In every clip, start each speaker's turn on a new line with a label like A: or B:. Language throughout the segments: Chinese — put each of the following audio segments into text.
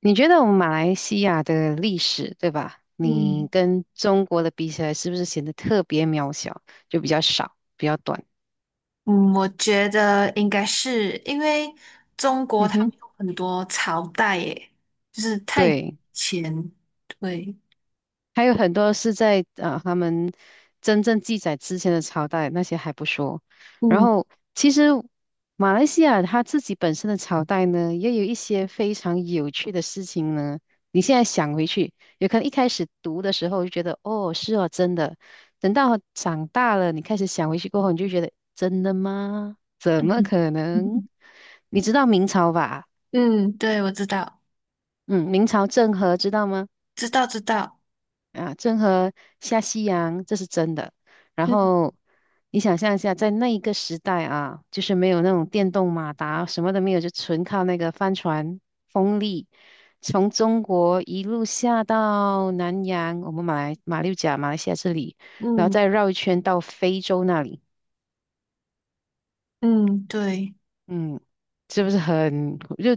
A: 你觉得我们马来西亚的历史，对吧？你
B: 嗯
A: 跟中国的比起来，是不是显得特别渺小，就比较少，比较短？
B: 嗯，我觉得应该是因为中国
A: 嗯
B: 他们
A: 哼，
B: 有很多朝代耶，就是太
A: 对。
B: 前，对，
A: 还有很多是在他们真正记载之前的朝代，那些还不说。然
B: 嗯
A: 后其实马来西亚它自己本身的朝代呢，也有一些非常有趣的事情呢。你现在想回去，有可能一开始读的时候就觉得哦是哦真的，等到长大了，你开始想回去过后，你就觉得真的吗？怎么
B: 嗯，
A: 可能？你知道明朝吧？
B: 嗯对，我知道，
A: 嗯，明朝郑和知道吗？
B: 知道知道，
A: 啊，郑和下西洋，这是真的。然
B: 嗯
A: 后你想象一下，在那一个时代啊，就是没有那种电动马达，什么都没有，就纯靠那个帆船风力，从中国一路下到南洋，我们马六甲、马来西亚这里，然后
B: 嗯
A: 再绕一圈到非洲那里。
B: 嗯，对，
A: 嗯，是不是很就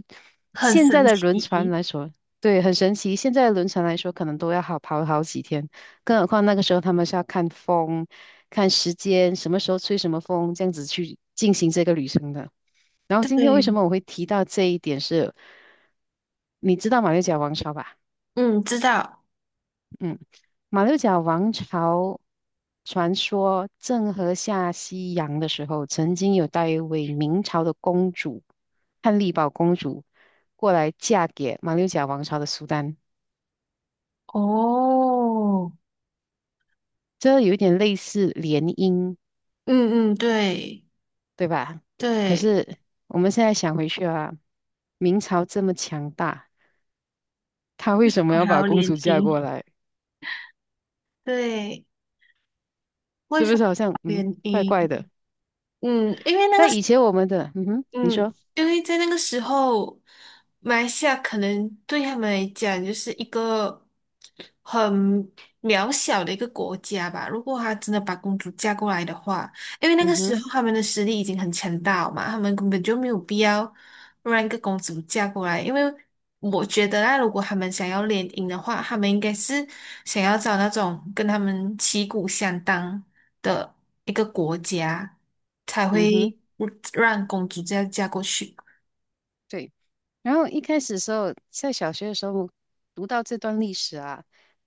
B: 很
A: 现在
B: 神
A: 的轮船
B: 奇，
A: 来说，对，很神奇。现在的轮船来说，可能都要跑好几天，更何况那个时候他们是要看风、看时间，什么时候吹什么风，这样子去进行这个旅程的。然后今天为什
B: 对，
A: 么我会提到这一点是，你知道马六甲王朝吧？
B: 嗯，知道，
A: 嗯，马六甲王朝传说郑和下西洋的时候，曾经有带一位明朝的公主，汉丽宝公主过来嫁给马六甲王朝的苏丹，
B: 哦，
A: 这有一点类似联姻，
B: 嗯嗯，对
A: 对吧？可
B: 对，
A: 是我们现在想回去啊，明朝这么强大，他
B: 为
A: 为
B: 什
A: 什么
B: 么
A: 要
B: 还
A: 把
B: 要
A: 公
B: 联
A: 主嫁过
B: 姻？
A: 来？
B: 对，为
A: 是
B: 什
A: 不
B: 么
A: 是好像
B: 要联
A: 怪
B: 姻？
A: 怪的？
B: 嗯，因为那个。
A: 在以前我们的嗯哼，你
B: 嗯，
A: 说
B: 因为在那个时候，马来西亚可能对他们来讲就是一个很渺小的一个国家吧。如果他真的把公主嫁过来的话，因为那
A: 嗯
B: 个时
A: 哼
B: 候他们的实力已经很强大了嘛，他们根本就没有必要让一个公主嫁过来。因为我觉得啦，如果他们想要联姻的话，他们应该是想要找那种跟他们旗鼓相当。的一个国家才
A: 嗯哼。
B: 会让公主这样嫁过去。
A: 对。然后一开始的时候，在小学的时候读到这段历史啊，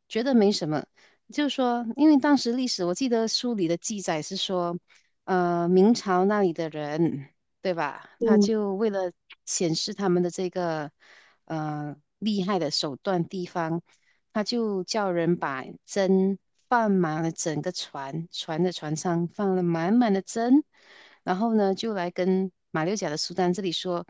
A: 觉得没什么，就是说，因为当时历史，我记得书里的记载是说，明朝那里的人，对吧？他
B: 嗯，
A: 就为了显示他们的这个厉害的手段地方，他就叫人把针放满了整个船，船上放了满满的针，然后呢，就来跟马六甲的苏丹这里说。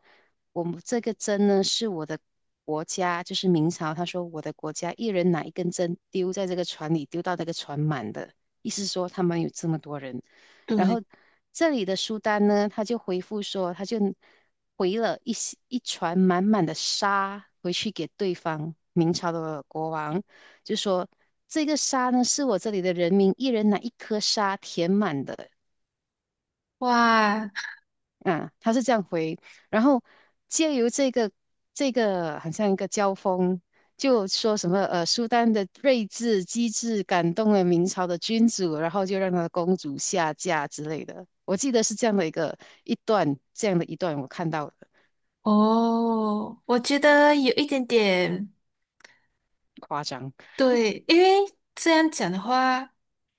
A: 我们这个针呢是我的国家，就是明朝，他说我的国家一人拿一根针丢在这个船里，丢到那个船满的，意思说他们有这么多人。然
B: 对，
A: 后这里的苏丹呢，他就回复说，他就回了一船满满的沙回去给对方明朝的国王，就说这个沙呢是我这里的人民一人拿一颗沙填满的，
B: 哇，
A: 啊，他是这样回，然后借由这个好像一个交锋，就说什么苏丹的睿智机智感动了明朝的君主，然后就让他的公主下嫁之类的。我记得是这样的一段，这样的一段我看到的，
B: 哦，我觉得有一点点
A: 夸张。
B: 对，因为这样讲的话，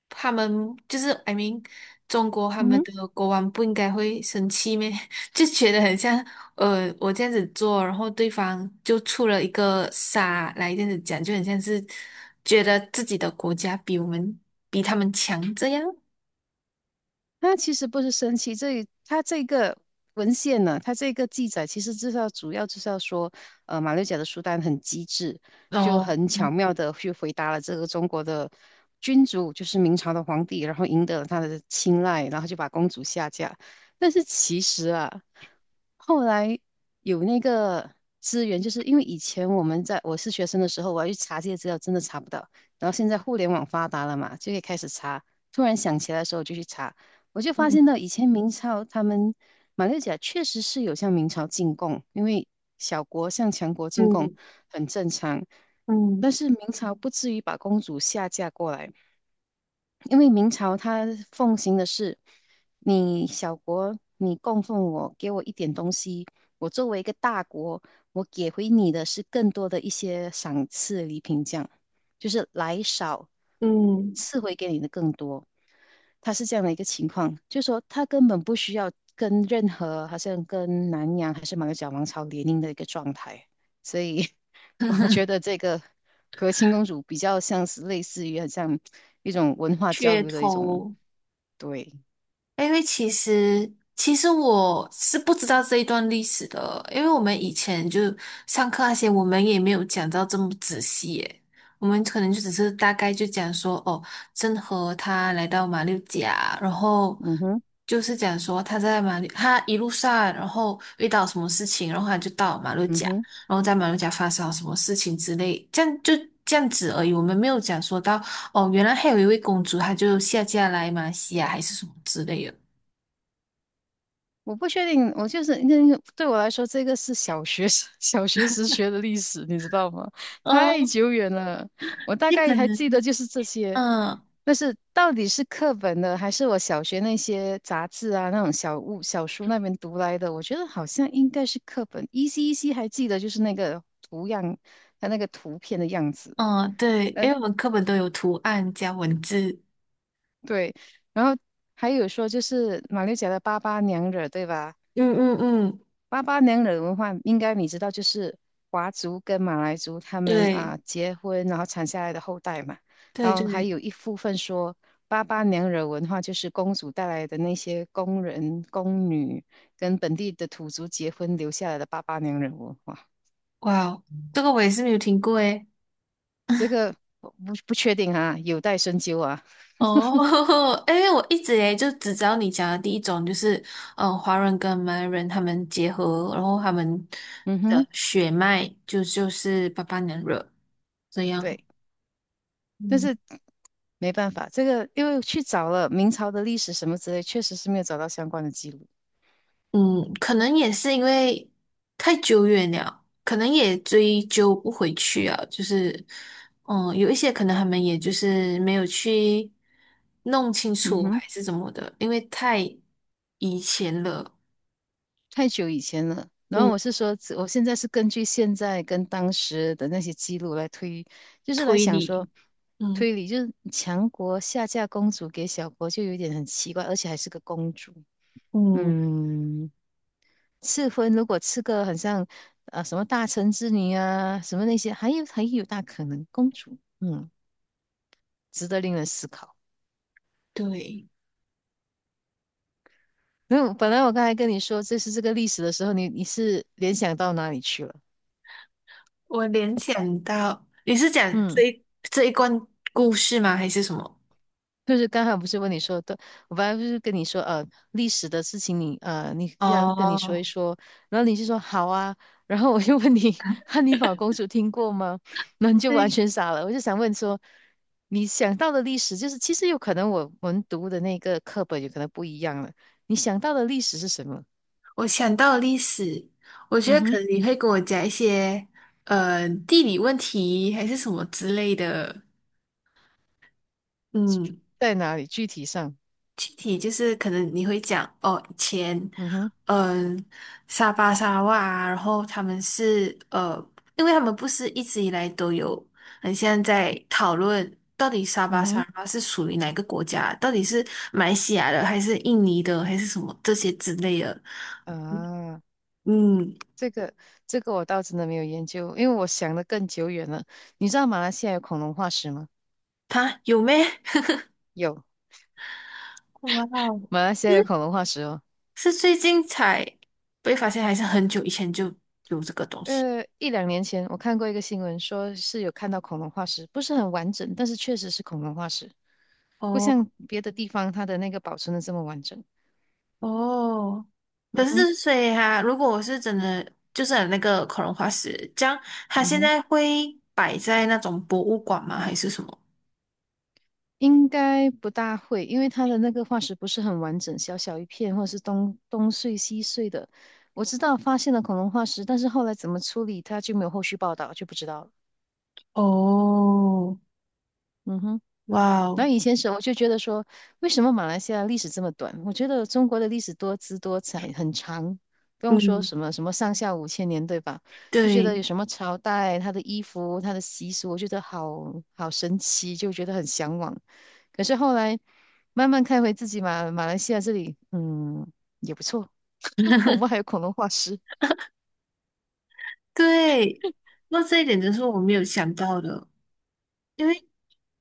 B: 他们就是 I mean，中国他们
A: 嗯。
B: 的国王不应该会生气咩？就觉得很像，我这样子做，然后对方就出了一个傻来这样子讲，就很像是觉得自己的国家比他们强这样。
A: 那其实不是生气，这个文献呢，他这个记载其实至少主要就是要说，马六甲的苏丹很机智，就
B: 哦，
A: 很巧妙的去回答了这个中国的君主，就是明朝的皇帝，然后赢得了他的青睐，然后就把公主下嫁。但是其实啊，后来有那个资源，就是因为以前我们在我是学生的时候，我要去查这些资料，真的查不到。然后现在互联网发达了嘛，就可以开始查。突然想起来的时候，我就去查。我就发
B: 嗯
A: 现到以前明朝他们马六甲确实是有向明朝进贡，因为小国向强国进贡
B: 嗯
A: 很正常，
B: 嗯，
A: 但是明朝不至于把公主下嫁过来。因为明朝他奉行的是，你小国你供奉我，给我一点东西，我作为一个大国，我给回你的是更多的一些赏赐礼品这样。就是来少，
B: 嗯，
A: 赐回给你的更多。他是这样的一个情况，就是说他根本不需要跟任何，好像跟南洋还是马六甲王朝联姻的一个状态，所以 我觉 得这个和亲公主比较像是类似于很像一种文化交
B: 噱
A: 流的一种，
B: 头，
A: 对，
B: 因为其实我是不知道这一段历史的，因为我们以前就上课那些，我们也没有讲到这么仔细耶。我们可能就只是大概就讲说，哦，郑和他来到马六甲，然后
A: 嗯哼，
B: 就是讲说他在马六，他一路上然后遇到什么事情，然后他就到马六
A: 嗯
B: 甲，
A: 哼。
B: 然后在马六甲发生了什么事情之类，这样就这样子而已。我们没有讲说到哦，原来还有一位公主，她就下嫁来马来西亚还是什么之类的。
A: 我不确定，我就是那个对我来说，这个是小学时 小学时学的历史，你知道吗？太
B: 嗯，
A: 久远了，我大
B: 也
A: 概
B: 可
A: 还记得
B: 能，
A: 就是这些，
B: 嗯
A: 但是到底是课本的，还是我小学那些杂志啊那种小物小书那边读来的？我觉得好像应该是课本，依稀依稀还记得就是那个图样，它那个图片的样子，
B: 嗯，对，
A: 呃，
B: 因为我们课本都有图案加文字。
A: 对，然后还有说就是马六甲的八八娘惹，对吧？
B: 嗯嗯嗯，
A: 八八娘惹文化应该你知道，就是华族跟马来族他们
B: 对
A: 啊结婚，然后产下来的后代嘛。
B: 对
A: 然后还
B: 对，
A: 有一部分说八八娘惹文化就是公主带来的那些工人、宫女跟本地的土族结婚留下来的八八娘惹文化。
B: 哇哦，这个我也是没有听过诶。
A: 这个我不确定啊，有待深究啊。
B: 哦，因为我一直诶就只知道你讲的第一种，就是华人跟马来人他们结合，然后他们
A: 嗯
B: 的
A: 哼，
B: 血脉就是巴巴娘惹这样。
A: 对，但是没办法，这个因为去找了明朝的历史什么之类，确实是没有找到相关的记录。
B: 嗯，可能也是因为太久远了，可能也追究不回去啊。就是，嗯，有一些可能他们也就是没有去弄清
A: 嗯
B: 楚
A: 哼。
B: 还是怎么的，因为太以前了。
A: 太久以前了。然后
B: 嗯，
A: 我是说，我现在是根据现在跟当时的那些记录来推，就是来
B: 推
A: 想说
B: 理，嗯，
A: 推理，就是强国下嫁公主给小国，就有点很奇怪，而且还是个公主。
B: 嗯，
A: 嗯，赐婚如果赐个很像什么大臣之女啊，什么那些，还有还有大可能公主，嗯，值得令人思考。
B: 对，
A: 那本来我刚才跟你说这是这个历史的时候，你是联想到哪里去了？
B: 我联想到你是讲这
A: 嗯。
B: 一这一关故事吗？还是什么？
A: 就是刚才不是问你说的，我本来不是跟你说，历史的事情你，你这样跟你说
B: 哦，
A: 一说，然后你就说好啊，然后我就问你 汉尼拔公主听过吗？那你就完
B: 对。
A: 全傻了。我就想问说，你想到的历史就是，其实有可能我们读的那个课本有可能不一样了。你想到的历史是什么？
B: 我想到历史，我觉
A: 嗯
B: 得可
A: 哼，
B: 能你会跟我讲一些地理问题还是什么之类的。嗯，
A: 在哪里？具体上，
B: 具体就是可能你会讲哦，以前
A: 嗯哼，
B: 嗯、呃沙巴沙哇啊然后他们是因为他们不是一直以来都有很像在讨论到底沙
A: 嗯
B: 巴沙
A: 哼，
B: 哇是属于哪个国家，到底是马来西亚的还是印尼的还是什么这些之类的。
A: 啊，
B: 嗯，嗯
A: 这个我倒真的没有研究，因为我想的更久远了。你知道马来西亚有恐龙化石吗？
B: 他有咩？
A: 有，
B: 哇哦，
A: 马来西亚有恐龙化石哦。
B: 是最近才被发现，还是很久以前就有这个东西？
A: 一两年前我看过一个新闻，说是有看到恐龙化石，不是很完整，但是确实是恐龙化石，不
B: 哦
A: 像别的地方它的那个保存的这么完整。
B: 哦，
A: 嗯
B: 可
A: 哼，
B: 是所以哈、如果我是真的就是有那个恐龙化石，这样它
A: 嗯
B: 现
A: 哼，
B: 在会摆在那种博物馆吗？还是什么？
A: 应该不大会，因为它的那个化石不是很完整，小小一片，或者是东碎西碎的。我知道发现了恐龙化石，但是后来怎么处理它就没有后续报道，就不知道了。
B: 哦，
A: 嗯哼。
B: 哇
A: 那
B: 哦，
A: 后以前时候我就觉得说，为什么马来西亚历史这么短？我觉得中国的历史多姿多彩，很长，不用说
B: 嗯，
A: 什么什么上下五千年，对吧？就觉得
B: 对
A: 有什么朝代、它的衣服、它的习俗，我觉得好好神奇，就觉得很向往。可是后来慢慢看回自己马来西亚这里，嗯，也不错，我们还有恐龙化石。
B: 对，那这一点真是我没有想到的。因为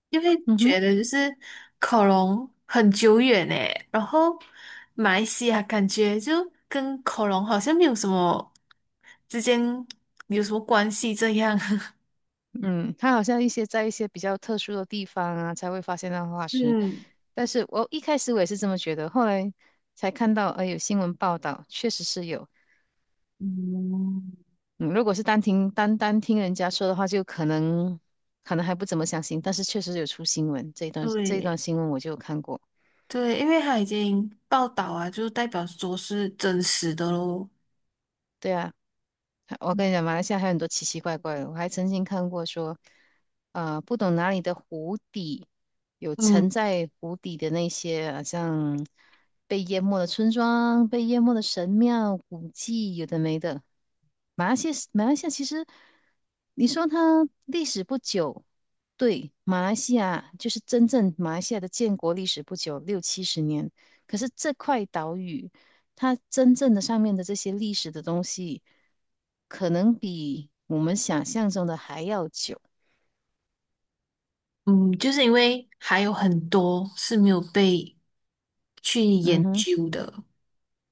B: 因为
A: 嗯哼。
B: 觉得就是恐龙很久远诶，然后马来西亚感觉就跟恐龙好像没有什么之间有什么关系这样。
A: 嗯，它好像在一些比较特殊的地方啊，才会发现到化石。
B: 嗯，
A: 但是我一开始我也是这么觉得，后来才看到，有新闻报道，确实是有。
B: 嗯，
A: 嗯，如果是单单听人家说的话，就可能还不怎么相信，但是确实有出新闻，这一段
B: 对
A: 新闻我就有看过。
B: 对，因为它已经报道啊，就代表说是真实的咯。
A: 对啊，我跟你讲，马来西亚还有很多奇奇怪怪的。我还曾经看过说，不懂哪里的湖底有沉
B: 嗯
A: 在湖底的那些，好像被淹没的村庄、被淹没的神庙、古迹，有的没的。马来西亚，马来西亚其实，你说它历史不久，对，马来西亚就是真正马来西亚的建国历史不久，六七十年。可是这块岛屿。它真正的上面的这些历史的东西，可能比我们想象中的还要久。
B: 嗯，就是因为还有很多是没有被去
A: 嗯
B: 研
A: 哼，
B: 究的。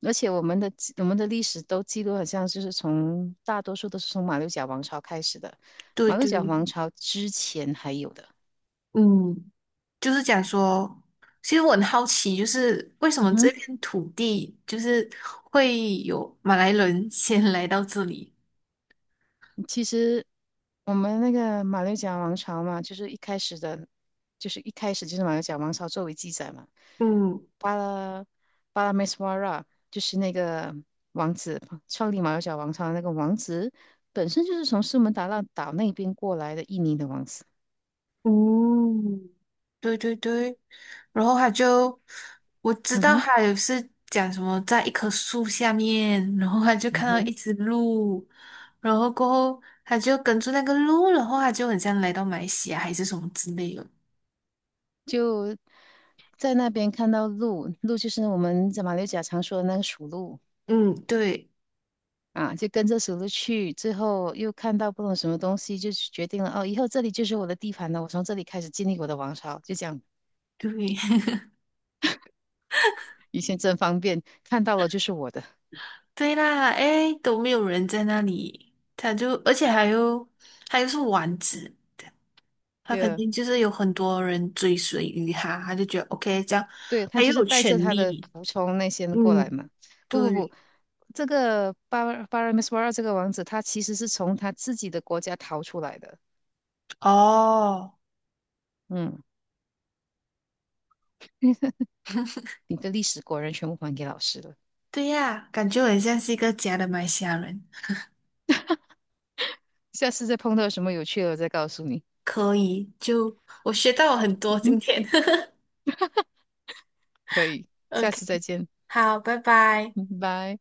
A: 而且我们的历史都记录好像就是从大多数都是从马六甲王朝开始的，
B: 对
A: 马六
B: 对，
A: 甲王朝之前还有的。
B: 嗯。就是讲说，其实我很好奇，就是为什
A: 嗯
B: 么这
A: 哼，
B: 片土地就是会有马来人 先来到这里？
A: 其实我们那个马六甲王朝嘛，就是一开始的，就是一开始就是马六甲王朝作为记载嘛。
B: 嗯
A: 巴拉巴拉梅斯瓦拉，就是那个王子，创立马六甲王朝的那个王子，本身就是从苏门答腊岛那边过来的印尼的王子。
B: 嗯对对对，然后他就我知
A: 嗯
B: 道
A: 哼，
B: 他有是讲什么在一棵树下面，然后他就
A: 嗯
B: 看到
A: 哼，
B: 一只鹿，然后过后他就跟着那个鹿，然后他就很像来到马来西亚还是什么之类的。
A: 就在那边看到鹿，鹿就是我们在马六甲常说的那个属鹿
B: 嗯，对
A: 啊，就跟着属鹿去，最后又看到不懂什么东西，就决定了哦，以后这里就是我的地盘了，我从这里开始建立我的王朝，就这样。
B: 对，
A: 以前真方便，看到了就是我的。
B: 对啦，哎，都没有人在那里，他就，而且还有，他又是王子，他
A: 对
B: 肯
A: 啊
B: 定就是有很多人追随于他，他就觉得 OK，这样
A: 对，他
B: 他又
A: 就是
B: 有
A: 带着
B: 权
A: 他的
B: 利，
A: 仆从那些人过来
B: 嗯，
A: 嘛。不不不，
B: 对，
A: 这个巴尔米斯瓦尔这个王子，他其实是从他自己的国家逃出来的。
B: 哦，
A: 嗯，你的历史果然全部还给老师了。
B: 对呀，感觉我很像是一个假的马来西亚人，
A: 下次再碰到什么有趣的，我再告诉你。
B: 可以，就我学到了很多
A: 嗯，
B: 今天
A: 可以，下
B: ，OK，
A: 次再见，
B: 好，拜拜。
A: 嗯拜。